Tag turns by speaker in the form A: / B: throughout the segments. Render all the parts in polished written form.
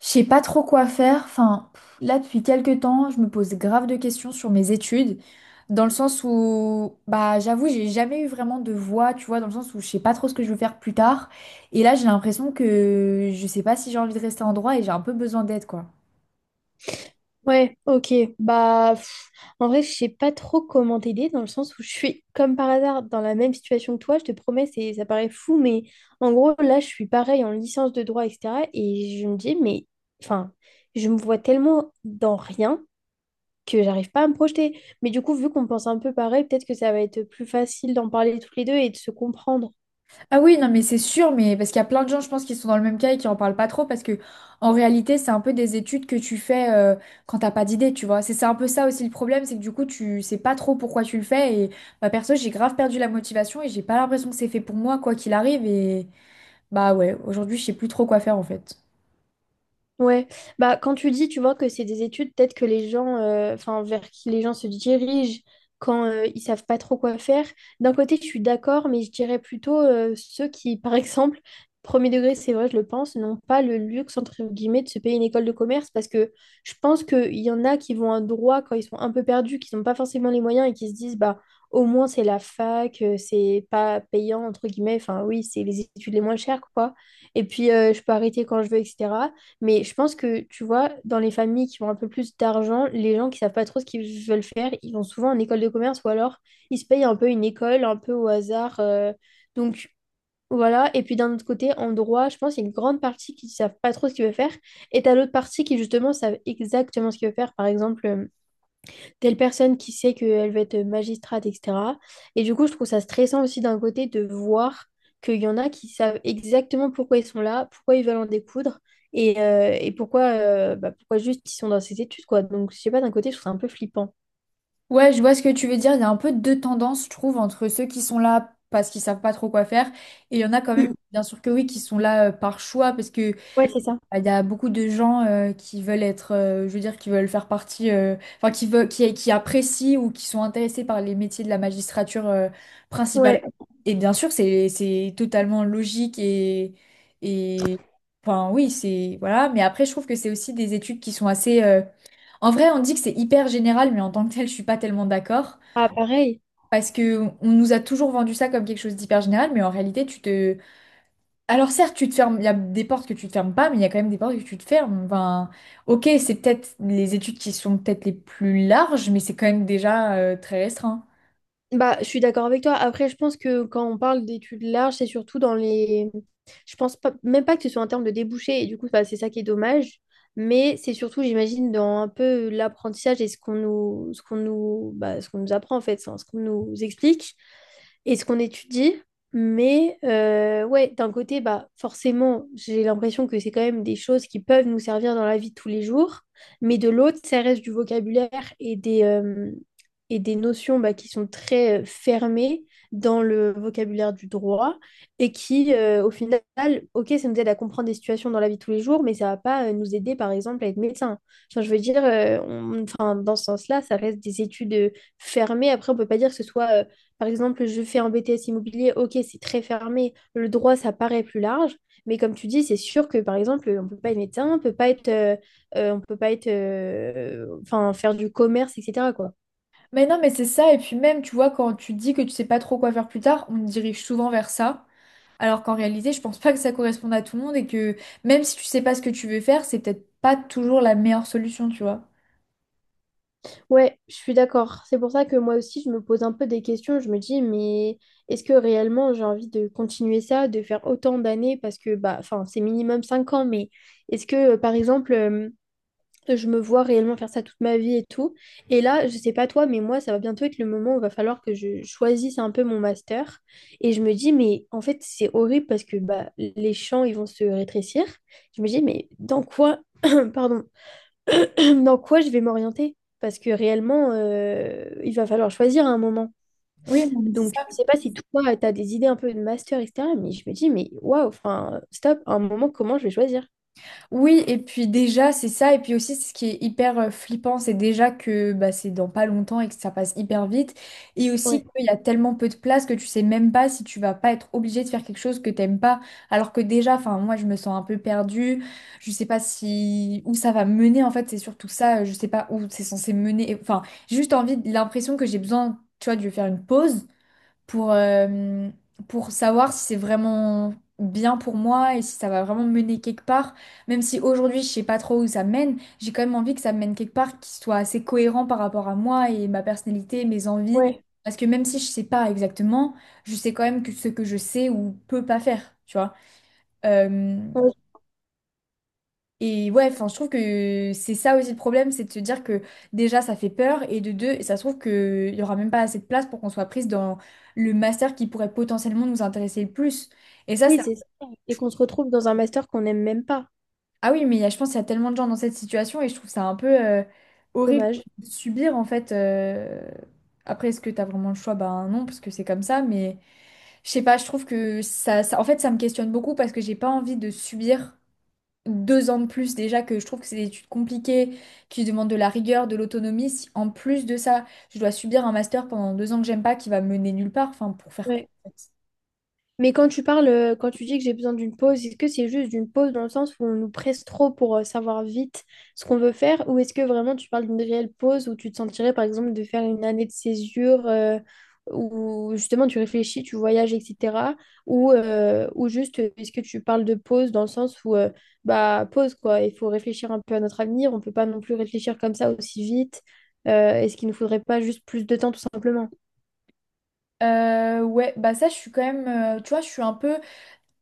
A: Je sais pas trop quoi faire. Enfin, là, depuis quelques temps, je me pose grave de questions sur mes études, dans le sens où, bah, j'avoue, j'ai jamais eu vraiment de voix, tu vois, dans le sens où je sais pas trop ce que je veux faire plus tard. Et là, j'ai l'impression que je sais pas si j'ai envie de rester en droit et j'ai un peu besoin d'aide, quoi.
B: Ouais, ok. Bah, en vrai, je sais pas trop comment t'aider dans le sens où je suis comme par hasard dans la même situation que toi. Je te promets, ça paraît fou, mais en gros, là, je suis pareil en licence de droit, etc. Et je me dis, mais enfin, je me vois tellement dans rien que j'arrive pas à me projeter. Mais du coup, vu qu'on pense un peu pareil, peut-être que ça va être plus facile d'en parler tous les deux et de se comprendre.
A: Ah oui, non, mais c'est sûr, mais parce qu'il y a plein de gens, je pense, qui sont dans le même cas et qui en parlent pas trop, parce que en réalité, c'est un peu des études que tu fais quand t'as pas d'idée, tu vois. C'est un peu ça aussi le problème, c'est que du coup, tu sais pas trop pourquoi tu le fais. Et bah, perso, j'ai grave perdu la motivation et j'ai pas l'impression que c'est fait pour moi, quoi qu'il arrive. Et bah ouais, aujourd'hui, je sais plus trop quoi faire en fait.
B: Ouais, bah quand tu dis, tu vois que c'est des études, peut-être que les gens, enfin vers qui les gens se dirigent quand ils savent pas trop quoi faire. D'un côté, je suis d'accord, mais je dirais plutôt ceux qui, par exemple, premier degré, c'est vrai, je le pense, n'ont pas le luxe entre guillemets de se payer une école de commerce parce que je pense qu'il y en a qui vont à droit quand ils sont un peu perdus, qui n'ont pas forcément les moyens et qui se disent bah au moins c'est la fac, c'est pas payant entre guillemets. Enfin oui, c'est les études les moins chères quoi. Et puis je peux arrêter quand je veux, etc. Mais je pense que, tu vois, dans les familles qui ont un peu plus d'argent, les gens qui savent pas trop ce qu'ils veulent faire, ils vont souvent en école de commerce ou alors ils se payent un peu une école, un peu au hasard. Donc voilà. Et puis d'un autre côté, en droit, je pense qu'il y a une grande partie qui savent pas trop ce qu'ils veulent faire. Et t'as l'autre partie qui, justement, savent exactement ce qu'ils veulent faire. Par exemple, telle personne qui sait qu'elle va être magistrate, etc. Et du coup, je trouve ça stressant aussi d'un côté de voir qu'il y en a qui savent exactement pourquoi ils sont là, pourquoi ils veulent en découdre et pourquoi juste ils sont dans ces études, quoi. Donc, je sais pas, d'un côté, je trouve ça un peu flippant.
A: Ouais, je vois ce que tu veux dire. Il y a un peu deux tendances, je trouve, entre ceux qui sont là parce qu'ils savent pas trop quoi faire, et il y en a quand même, bien sûr que oui, qui sont là par choix, parce que.
B: Ouais, c'est ça.
A: Bah, il y a beaucoup de gens qui veulent être, je veux dire, qui veulent faire partie, enfin, qui veulent, qui apprécient ou qui sont intéressés par les métiers de la magistrature principalement.
B: Ouais.
A: Et bien sûr, c'est totalement logique et, enfin, oui, c'est, voilà. Mais après, je trouve que c'est aussi des études qui sont assez, en vrai, on dit que c'est hyper général, mais en tant que tel, je suis pas tellement d'accord.
B: Ah, pareil.
A: Parce que on nous a toujours vendu ça comme quelque chose d'hyper général, mais en réalité, tu te, alors certes, tu te fermes, il y a des portes que tu te fermes pas, mais il y a quand même des portes que tu te fermes. Enfin, ok, c'est peut-être les études qui sont peut-être les plus larges, mais c'est quand même déjà très restreint.
B: Bah, je suis d'accord avec toi. Après, je pense que quand on parle d'études larges, c'est surtout dans les… Je pense pas, même pas que ce soit en termes de débouchés et du coup, bah, c'est ça qui est dommage. Mais c'est surtout, j'imagine, dans un peu l'apprentissage et ce qu'on nous, bah, ce qu'on nous apprend, en fait, enfin, ce qu'on nous explique et ce qu'on étudie. Mais ouais, d'un côté, bah, forcément, j'ai l'impression que c'est quand même des choses qui peuvent nous servir dans la vie de tous les jours. Mais de l'autre, ça reste du vocabulaire et des notions bah, qui sont très fermées dans le vocabulaire du droit et qui, au final, ok, ça nous aide à comprendre des situations dans la vie de tous les jours, mais ça va pas nous aider, par exemple, à être médecin. Enfin, je veux dire, enfin, dans ce sens-là, ça reste des études fermées. Après, on peut pas dire que ce soit par exemple, je fais un BTS immobilier, ok, c'est très fermé, le droit, ça paraît plus large, mais comme tu dis, c'est sûr que, par exemple, on ne peut pas être médecin, on peut pas être, enfin, faire du commerce, etc., quoi.
A: Mais non, mais c'est ça, et puis même, tu vois, quand tu dis que tu sais pas trop quoi faire plus tard, on te dirige souvent vers ça, alors qu'en réalité, je pense pas que ça corresponde à tout le monde, et que même si tu sais pas ce que tu veux faire, c'est peut-être pas toujours la meilleure solution, tu vois.
B: Ouais, je suis d'accord. C'est pour ça que moi aussi, je me pose un peu des questions, je me dis, mais est-ce que réellement j'ai envie de continuer ça, de faire autant d'années, parce que, bah, enfin, c'est minimum 5 ans, mais est-ce que, par exemple je me vois réellement faire ça toute ma vie et tout. Et là, je sais pas toi, mais moi, ça va bientôt être le moment où il va falloir que je choisisse un peu mon master. Et je me dis, mais en fait, c'est horrible parce que bah, les champs, ils vont se rétrécir. Je me dis, mais dans quoi, pardon, dans quoi je vais m'orienter? Parce que réellement, il va falloir choisir à un moment.
A: Oui, non, mais c'est
B: Donc,
A: ça.
B: je sais pas si toi, tu as des idées un peu de master, etc. Mais je me dis, mais waouh, enfin, stop, à un moment, comment je vais choisir?
A: Oui, et puis déjà, c'est ça. Et puis aussi, ce qui est hyper flippant, c'est déjà que bah, c'est dans pas longtemps et que ça passe hyper vite. Et aussi
B: Ouais,
A: qu'il y a tellement peu de place que tu sais même pas si tu vas pas être obligé de faire quelque chose que t'aimes pas. Alors que déjà, enfin, moi, je me sens un peu perdue. Je sais pas si où ça va mener. En fait, c'est surtout ça. Je sais pas où c'est censé mener. Enfin, j'ai juste envie, l'impression que j'ai besoin, tu vois, de faire une pause pour, euh, pour savoir si c'est vraiment bien pour moi et si ça va vraiment me mener quelque part. Même si aujourd'hui, je sais pas trop où ça mène, j'ai quand même envie que ça me mène quelque part qui soit assez cohérent par rapport à moi et ma personnalité, mes envies.
B: ouais.
A: Parce que même si je sais pas exactement, je sais quand même que ce que je sais ou peux pas faire, tu vois. Euh, et ouais, enfin, je trouve que c'est ça aussi le problème, c'est de se dire que déjà ça fait peur, et de deux, ça se trouve qu'il y aura même pas assez de place pour qu'on soit prise dans le master qui pourrait potentiellement nous intéresser le plus. Et ça,
B: Oui,
A: c'est.
B: c'est ça. Et qu'on se retrouve dans un master qu'on n'aime même pas.
A: Ah oui, mais je pense qu'il y a tellement de gens dans cette situation, et je trouve ça un peu horrible
B: Dommage.
A: de subir en fait. Après, est-ce que t'as vraiment le choix? Ben non, parce que c'est comme ça, mais. Je sais pas, je trouve que ça en fait, ça me questionne beaucoup parce que j'ai pas envie de subir deux ans de plus déjà que je trouve que c'est des études compliquées, qui demandent de la rigueur, de l'autonomie. Si en plus de ça, je dois subir un master pendant deux ans que j'aime pas, qui va me mener nulle part, enfin pour faire quoi
B: Ouais.
A: en fait.
B: Mais quand tu dis que j'ai besoin d'une pause, est-ce que c'est juste d'une pause dans le sens où on nous presse trop pour savoir vite ce qu'on veut faire, ou est-ce que vraiment tu parles d'une réelle pause où tu te sentirais par exemple de faire une année de césure où justement tu réfléchis, tu voyages, etc. Ou juste est-ce que tu parles de pause dans le sens où bah pause quoi, il faut réfléchir un peu à notre avenir, on peut pas non plus réfléchir comme ça aussi vite. Est-ce qu'il ne faudrait pas juste plus de temps tout simplement?
A: Ouais, bah ça je suis quand même, tu vois, je suis un peu,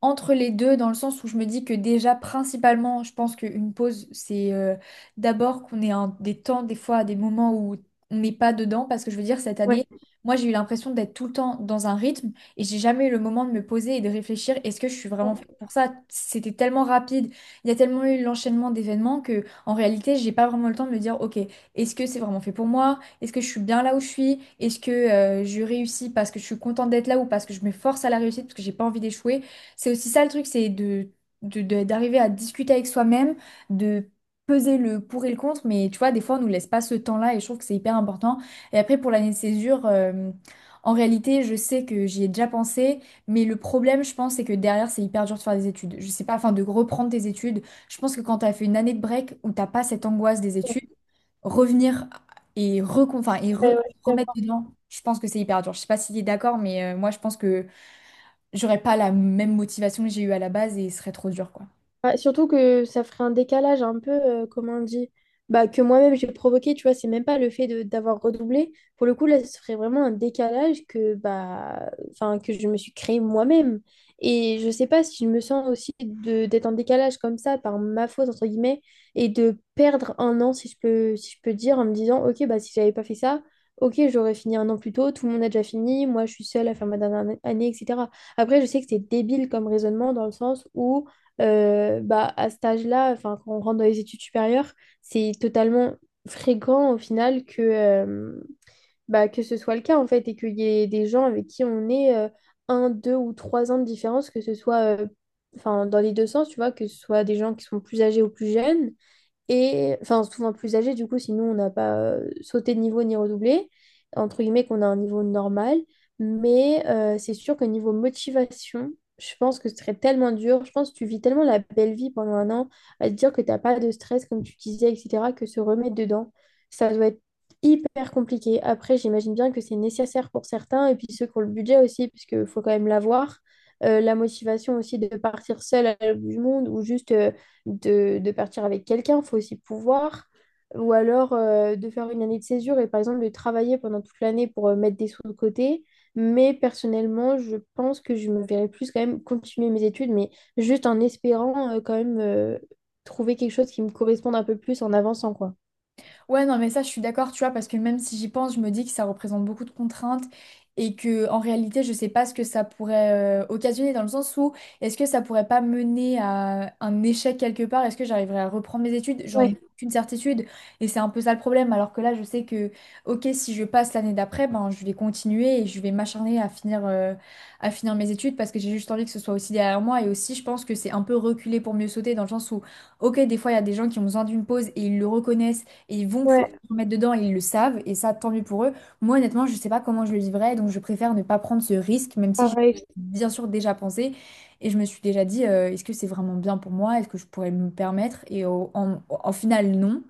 A: entre les deux, dans le sens où je me dis que déjà, principalement, je pense qu'une pause, c'est d'abord qu'on ait des temps, des fois, des moments où on n'est pas dedans, parce que je veux dire, cette
B: Ouais,
A: année, moi, j'ai eu l'impression d'être tout le temps dans un rythme et j'ai jamais eu le moment de me poser et de réfléchir, est-ce que je suis vraiment
B: ouais,
A: faite pour ça? C'était tellement rapide, il y a tellement eu l'enchaînement d'événements que, en réalité, j'ai pas vraiment le temps de me dire, ok, est-ce que c'est vraiment fait pour moi? Est-ce que je suis bien là où je suis? Est-ce que je réussis parce que je suis contente d'être là ou parce que je me force à la réussite parce que j'ai pas envie d'échouer? C'est aussi ça le truc, c'est de, d'arriver à discuter avec soi-même, de peser le pour et le contre, mais tu vois, des fois, on nous laisse pas ce temps-là et je trouve que c'est hyper important. Et après, pour l'année de césure, en réalité, je sais que j'y ai déjà pensé, mais le problème, je pense, c'est que derrière, c'est hyper dur de faire des études. Je sais pas, enfin, de reprendre tes études. Je pense que quand t'as fait une année de break où t'as pas cette angoisse des études, revenir et, enfin, et
B: ouais, ouais, ouais.
A: remettre dedans, je pense que c'est hyper dur. Je sais pas si tu es d'accord, mais moi, je pense que j'aurais pas la même motivation que j'ai eue à la base et ce serait trop dur, quoi.
B: Ouais, surtout que ça ferait un décalage un peu, comment on dit, bah, que moi-même j'ai provoqué, tu vois, c'est même pas le fait de d'avoir redoublé. Pour le coup, là, ce serait vraiment un décalage que, bah, enfin, que je me suis créé moi-même. Et je sais pas si je me sens aussi de d'être en décalage comme ça, par ma faute, entre guillemets, et de perdre 1 an, si je peux dire, en me disant, ok, bah, si j'avais pas fait ça, ok, j'aurais fini 1 an plus tôt, tout le monde a déjà fini, moi, je suis seule à faire ma dernière année, etc. Après, je sais que c'est débile comme raisonnement dans le sens où bah, à cet âge-là, enfin, quand on rentre dans les études supérieures, c'est totalement fréquent au final que ce soit le cas en fait et qu'il y ait des gens avec qui on est 1, 2 ou 3 ans de différence, que ce soit enfin, dans les deux sens, tu vois, que ce soit des gens qui sont plus âgés ou plus jeunes et enfin souvent plus âgés du coup sinon on n'a pas sauté de niveau ni redoublé entre guillemets qu'on a un niveau normal. Mais c'est sûr que, niveau motivation, je pense que ce serait tellement dur. Je pense que tu vis tellement la belle vie pendant 1 an à te dire que t'as pas de stress, comme tu disais, etc., que se remettre dedans, ça doit être super compliqué. Après, j'imagine bien que c'est nécessaire pour certains et puis ceux qui ont le budget aussi, puisqu'il faut quand même l'avoir. La motivation aussi de partir seul à l'autre bout du monde ou juste de partir avec quelqu'un, il faut aussi pouvoir. Ou alors de faire une année de césure et par exemple de travailler pendant toute l'année pour mettre des sous de côté. Mais personnellement, je pense que je me verrais plus quand même continuer mes études, mais juste en espérant quand même trouver quelque chose qui me corresponde un peu plus en avançant, quoi.
A: Ouais, non, mais ça, je suis d'accord, tu vois, parce que même si j'y pense, je me dis que ça représente beaucoup de contraintes et que en réalité, je sais pas ce que ça pourrait occasionner dans le sens où est-ce que ça pourrait pas mener à un échec quelque part? Est-ce que j'arriverai à reprendre mes études? J'en ai
B: Ouais,
A: aucune certitude et c'est un peu ça le problème. Alors que là, je sais que, ok, si je passe l'année d'après, ben, je vais continuer et je vais m'acharner à finir mes études parce que j'ai juste envie que ce soit aussi derrière moi et aussi, je pense que c'est un peu reculer pour mieux sauter dans le sens où, ok, des fois, il y a des gens qui ont besoin d'une pause et ils le reconnaissent et ils vont pouvoir
B: ouais,
A: se remettre dedans et ils le savent. Et ça, tant mieux pour eux. Moi, honnêtement, je ne sais pas comment je le vivrais. Donc, je préfère ne pas prendre ce risque, même si j'ai
B: pareil.
A: bien sûr déjà pensé. Et je me suis déjà dit, est-ce que c'est vraiment bien pour moi? Est-ce que je pourrais me permettre? Et en final, non.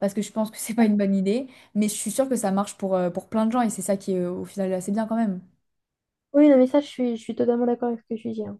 A: Parce que je pense que c'est pas une bonne idée. Mais je suis sûre que ça marche pour plein de gens. Et c'est ça qui est au final assez bien quand même.
B: Oui, non, mais ça, je suis totalement d'accord avec ce que tu dis, hein.